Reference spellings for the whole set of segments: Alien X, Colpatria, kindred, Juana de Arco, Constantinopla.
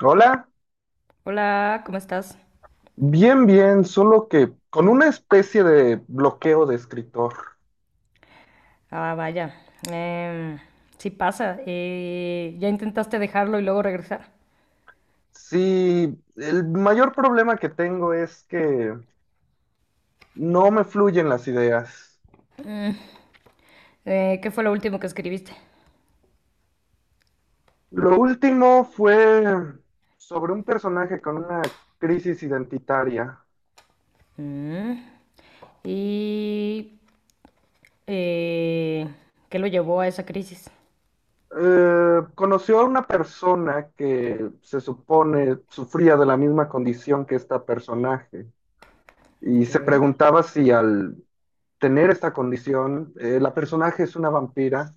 Hola, Hola, ¿cómo estás? bien, bien, solo que con una especie de bloqueo de escritor. Ah, vaya. em, sí pasa. ¿Ya intentaste dejarlo y luego regresar? Sí, el mayor problema que tengo es que no me fluyen las ideas. ¿Qué fue lo último que escribiste? Lo último fue sobre un personaje con una crisis identitaria. Mm. ¿Y eh, qué lo llevó a esa crisis? Conoció a una persona que se supone sufría de la misma condición que este personaje y Ok, se preguntaba si al tener esta condición. La personaje es una vampira.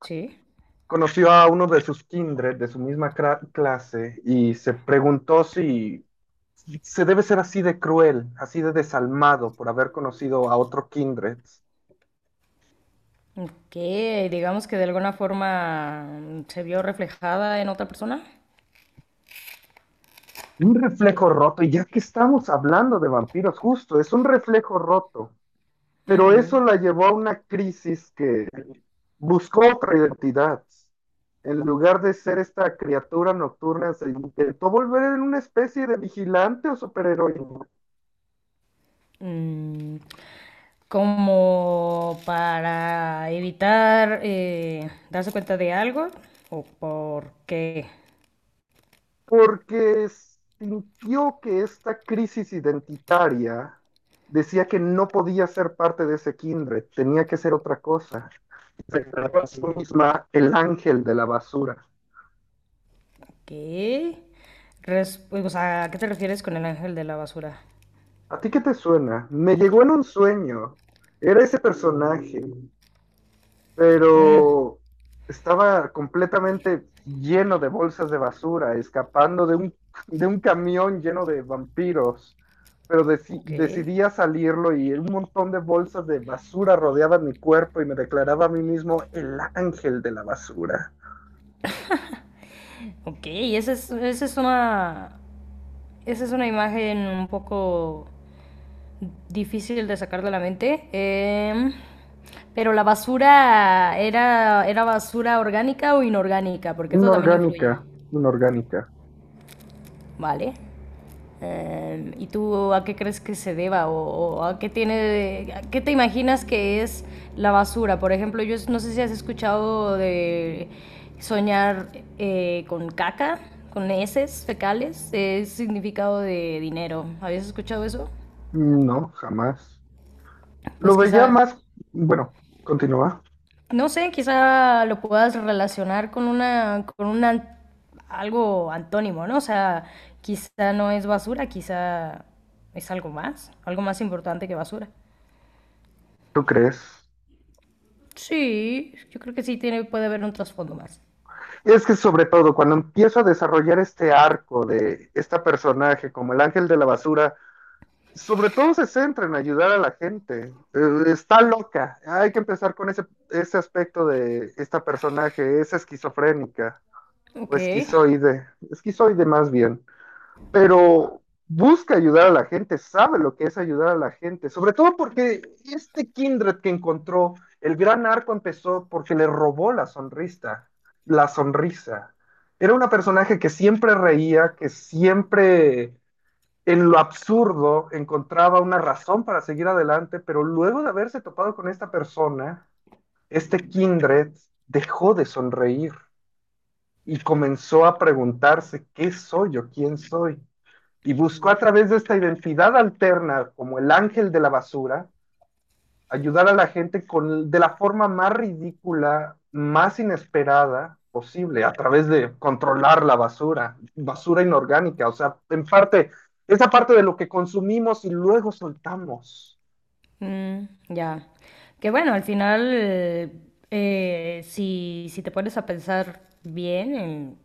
sí. Conoció a uno de sus kindred, de su misma clase, y se preguntó si se debe ser así de cruel, así de desalmado por haber conocido a otro kindred. Que digamos que de alguna forma se vio reflejada en otra persona. Un reflejo roto, y ya que estamos hablando de vampiros, justo, es un reflejo roto, pero Ujú. eso la llevó a una crisis que buscó otra identidad. En lugar de ser esta criatura nocturna, se intentó volver en una especie de vigilante o superheroína, Mm, como para evitar, darse cuenta de algo o por qué. porque sintió que esta crisis identitaria decía que no podía ser parte de ese kindred, tenía que ser otra cosa. Se declaró a sí misma el ángel de la basura. ¿Qué? O sea, ¿a qué te refieres con el ángel de la basura? ¿A ti qué te suena? Me llegó en un sueño. Era ese personaje, Mm, pero estaba completamente lleno de bolsas de basura, escapando de un, de un camión lleno de vampiros. Pero ok, decidí a salirlo y un montón de bolsas de basura rodeaban mi cuerpo y me declaraba a mí mismo el ángel de la basura. ok, esa es, esa es una imagen un poco difícil de sacar de la mente. Pero la basura era, era basura orgánica o inorgánica, porque eso también influye. Inorgánica, inorgánica. ¿Vale? ¿Y tú a qué crees que se deba? O, o a qué tiene, a qué te imaginas que es la basura. Por ejemplo, yo no sé si has escuchado de soñar con caca, con heces fecales, es significado de dinero. ¿Habías escuchado eso? No, jamás. Pues Lo veía quizá, más, bueno, continúa. no sé, quizá lo puedas relacionar con una, algo antónimo, ¿no? O sea, quizá no es basura, quizá es algo más importante que basura. ¿Tú crees? Sí, yo creo que sí tiene, puede haber un trasfondo más. Es que sobre todo cuando empiezo a desarrollar este arco de esta personaje como el ángel de la basura, sobre todo se centra en ayudar a la gente. Está loca. Hay que empezar con ese, ese aspecto de esta personaje. Es esquizofrénica o Ok. esquizoide. Esquizoide más bien, pero busca ayudar a la gente, sabe lo que es ayudar a la gente, sobre todo porque este kindred que encontró, el gran arco empezó porque le robó la sonrisa, la sonrisa. Era una personaje que siempre reía, que siempre en lo absurdo encontraba una razón para seguir adelante, pero luego de haberse topado con esta persona, este kindred dejó de sonreír y comenzó a preguntarse, ¿qué soy yo? ¿Quién soy? Y buscó a través de esta identidad alterna como el ángel de la basura ayudar a la gente con, de la forma más ridícula, más inesperada posible, a través de controlar la basura, basura inorgánica, o sea, en parte, esa parte de lo que consumimos y luego soltamos. Mm, ya. Que bueno, al final, si, si te pones a pensar bien,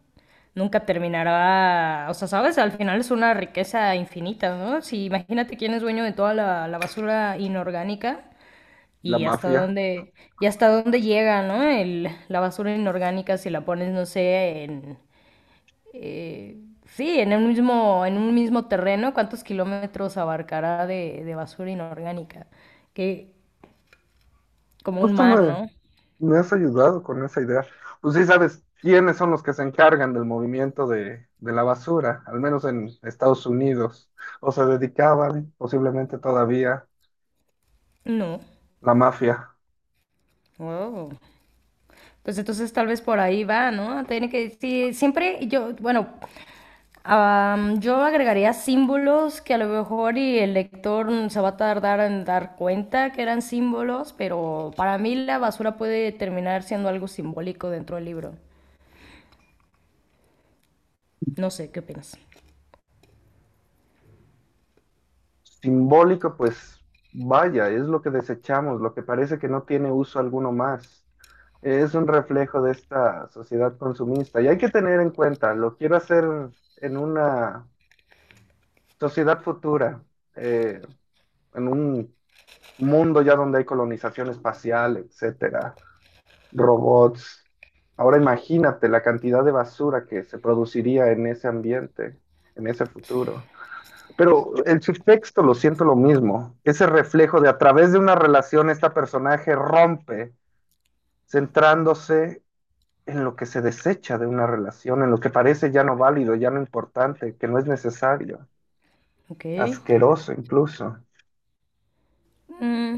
nunca terminará. O sea, sabes, al final es una riqueza infinita, ¿no? Si imagínate quién es dueño de toda la basura inorgánica La y hasta mafia. dónde, y hasta dónde llega, ¿no? El, la basura inorgánica si la pones, no sé, en, eh, sí, en un mismo terreno, ¿cuántos kilómetros abarcará de basura inorgánica? Que, como un Justo mar, me, ¿no? me has ayudado con esa idea. Pues sí sabes quiénes son los que se encargan del movimiento de la basura, al menos en Estados Unidos, o se dedicaban, posiblemente todavía, No. la mafia. Wow. Pues entonces tal vez por ahí va, ¿no? Tiene que, sí, siempre yo, bueno, yo agregaría símbolos que a lo mejor y el lector, se va a tardar en dar cuenta que eran símbolos, pero para mí la basura puede terminar siendo algo simbólico dentro del libro. No sé, ¿qué opinas? Simbólico, pues vaya, es lo que desechamos, lo que parece que no tiene uso alguno más. Es un reflejo de esta sociedad consumista y hay que tener en cuenta, lo quiero hacer en una sociedad futura, eh, en un mundo ya donde hay colonización espacial, etcétera, robots. Ahora imagínate la cantidad de basura que se produciría en ese ambiente, en ese futuro. Pero el subtexto lo siento lo mismo, ese reflejo de a través de una relación esta personaje rompe, centrándose en lo que se desecha de una relación, en lo que parece ya no válido, ya no importante, que no es necesario, Ok. asqueroso incluso. Mm,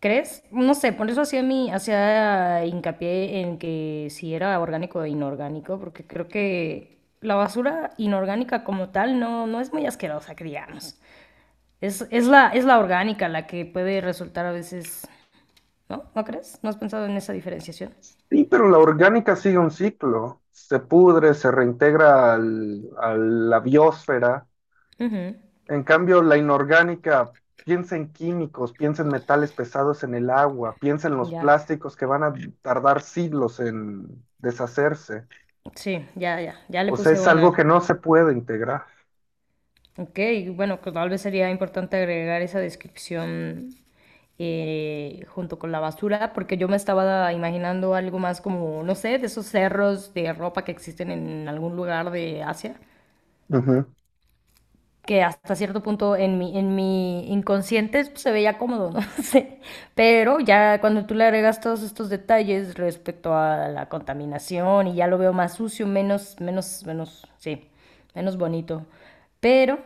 ¿crees? No sé, por eso hacía mi, hacía hincapié en que si era orgánico o inorgánico, porque creo que la basura inorgánica como tal no, no es muy asquerosa, que digamos. Es la orgánica la que puede resultar a veces, ¿no? ¿No crees? ¿No has pensado en esa diferenciación? Sí, pero la orgánica sigue un ciclo, se pudre, se reintegra a la biosfera. Ujú. En cambio, la inorgánica piensa en químicos, piensa en metales pesados en el agua, piensa en los Ya. plásticos que van a tardar siglos en deshacerse. Sí, ya, ya. Ya le O sea, puse es algo que una. no se puede integrar. Ok, bueno, que tal vez sería importante agregar esa descripción, junto con la basura, porque yo me estaba imaginando algo más como, no sé, de esos cerros de ropa que existen en algún lugar de Asia, Ujú. que hasta cierto punto en mi inconsciente pues, se veía cómodo, no sé. Pero ya cuando tú le agregas todos estos detalles respecto a la contaminación y ya lo veo más sucio, menos, menos, menos, sí, menos bonito. Pero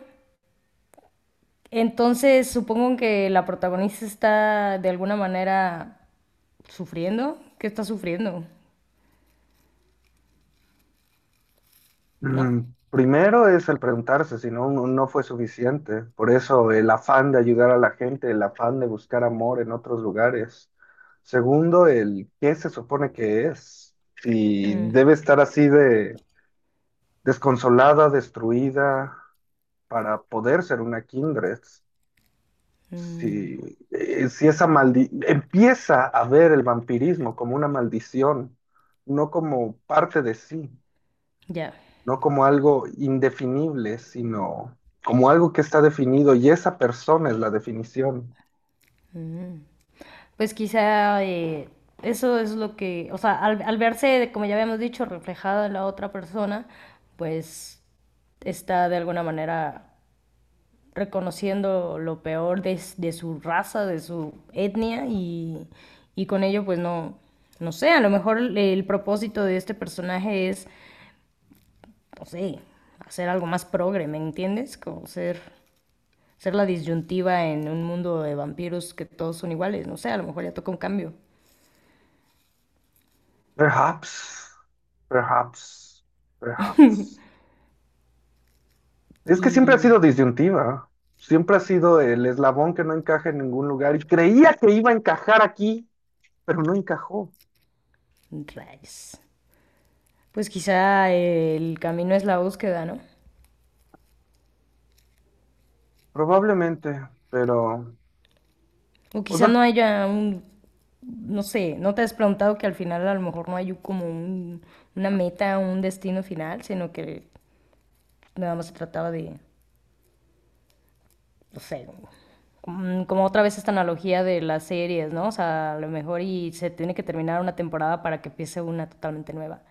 entonces, supongo que la protagonista está de alguna manera sufriendo. ¿Qué está sufriendo? ¿No? Primero es el preguntarse si no, no fue suficiente. Por eso el afán de ayudar a la gente, el afán de buscar amor en otros lugares. Segundo, el qué se supone que es. Si Mm, debe estar así de desconsolada, destruida, para poder ser una kindred. Si, mm, si esa maldi empieza a ver el vampirismo como una maldición, no como parte de sí, ya. no como algo indefinible, sino como algo que está definido y esa persona es la definición. Pues quizá eso es lo que, o sea, al, al verse, como ya habíamos dicho, reflejada en la otra persona, pues está de alguna manera reconociendo lo peor de, de su raza, de su etnia y con ello pues no, no sé, a lo mejor el propósito de este personaje es, no sé, hacer algo más progre, ¿me entiendes? Como ser, ser la disyuntiva en un mundo de vampiros que todos son iguales, no sé, a lo mejor ya toca un cambio. Perhaps, perhaps, perhaps. Es que siempre ha Y sido disyuntiva, siempre ha sido el eslabón que no encaja en ningún lugar y creía que iba a encajar aquí, pero no encajó, rayos. Pues quizá el camino es la búsqueda, ¿no? probablemente, pero, O o quizá sea, no haya un, no sé, ¿no te has preguntado que al final a lo mejor no hay como una meta, un destino final, sino que nada más se trataba de, no sé, mm, como otra vez esta analogía de las series, ¿no? O sea, a lo mejor y se tiene que terminar una temporada para que empiece una totalmente nueva.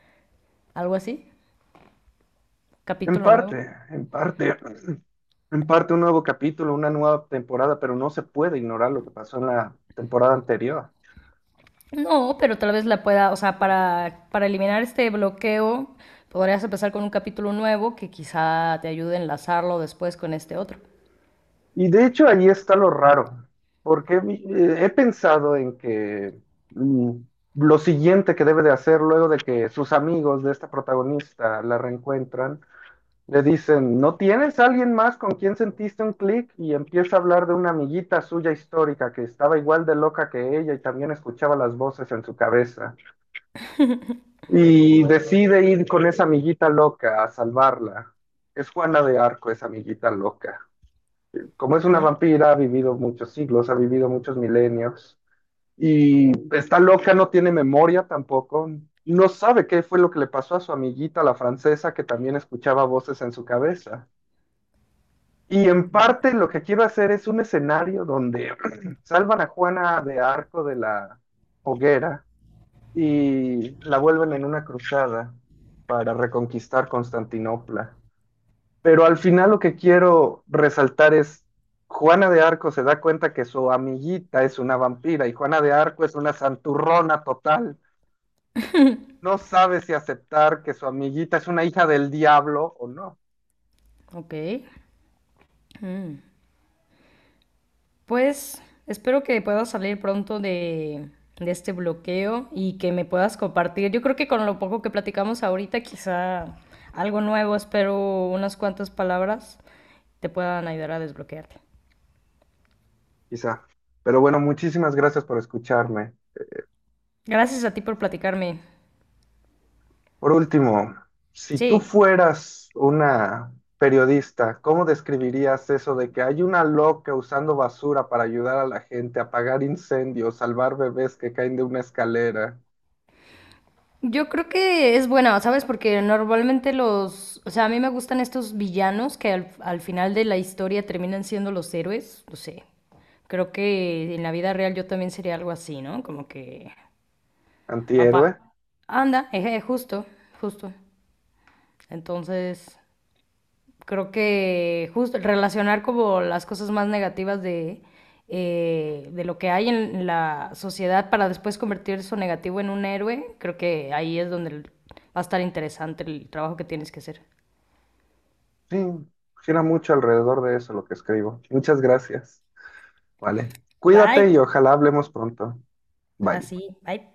¿Algo así? en ¿Capítulo nuevo? parte, en parte, en parte un nuevo capítulo, una nueva temporada, pero no se puede ignorar lo que pasó en la temporada anterior. No, pero tal vez la pueda, o sea, para eliminar este bloqueo, podrías empezar con un capítulo nuevo que quizá te ayude a enlazarlo después con este otro. Y de hecho ahí está lo raro, porque he pensado en que mm, lo siguiente que debe de hacer luego de que sus amigos de esta protagonista la reencuentran, le dicen, ¿no tienes alguien más con quien sentiste un clic? Y empieza a hablar de una amiguita suya histórica que estaba igual de loca que ella y también escuchaba las voces en su cabeza. Y decide ir con esa amiguita loca a salvarla. Es Juana de Arco, esa amiguita loca, como es una ¿Mm? vampira, ha vivido muchos siglos, ha vivido muchos milenios y está loca, no tiene memoria tampoco, no sabe qué fue lo que le pasó a su amiguita, la francesa, que también escuchaba voces en su cabeza. Y en Ok. parte lo que quiero hacer es un escenario donde salvan a Juana de Arco de la hoguera y la vuelven en una cruzada para reconquistar Constantinopla. Pero al final lo que quiero resaltar es, Juana de Arco se da cuenta que su amiguita es una vampira y Juana de Arco es una santurrona total. No sabe si aceptar que su amiguita es una hija del diablo o no, Ok. Pues espero que puedas salir pronto de este bloqueo y que me puedas compartir. Yo creo que con lo poco que platicamos ahorita, quizá algo nuevo, espero unas cuantas palabras te puedan ayudar a desbloquearte. quizá. Pero bueno, muchísimas gracias por escucharme. Gracias a ti por platicarme. Por último, si tú Sí, fueras una periodista, ¿cómo describirías eso de que hay una loca usando basura para ayudar a la gente a apagar incendios, salvar bebés que caen de una escalera? yo creo que es buena, ¿sabes? Porque normalmente los, o sea, a mí me gustan estos villanos que al, al final de la historia terminan siendo los héroes, no sé. Creo que en la vida real yo también sería algo así, ¿no? Como que Apa- Antihéroe. anda, eje, justo, justo. Entonces, creo que justo relacionar como las cosas más negativas de lo que hay en la sociedad para después convertir eso negativo en un héroe, creo que ahí es donde va a estar interesante el trabajo que tienes que hacer. Sí, gira mucho alrededor de eso lo que escribo. Muchas gracias. Vale. Bye. Cuídate y ojalá hablemos pronto. Bye. Así, bye.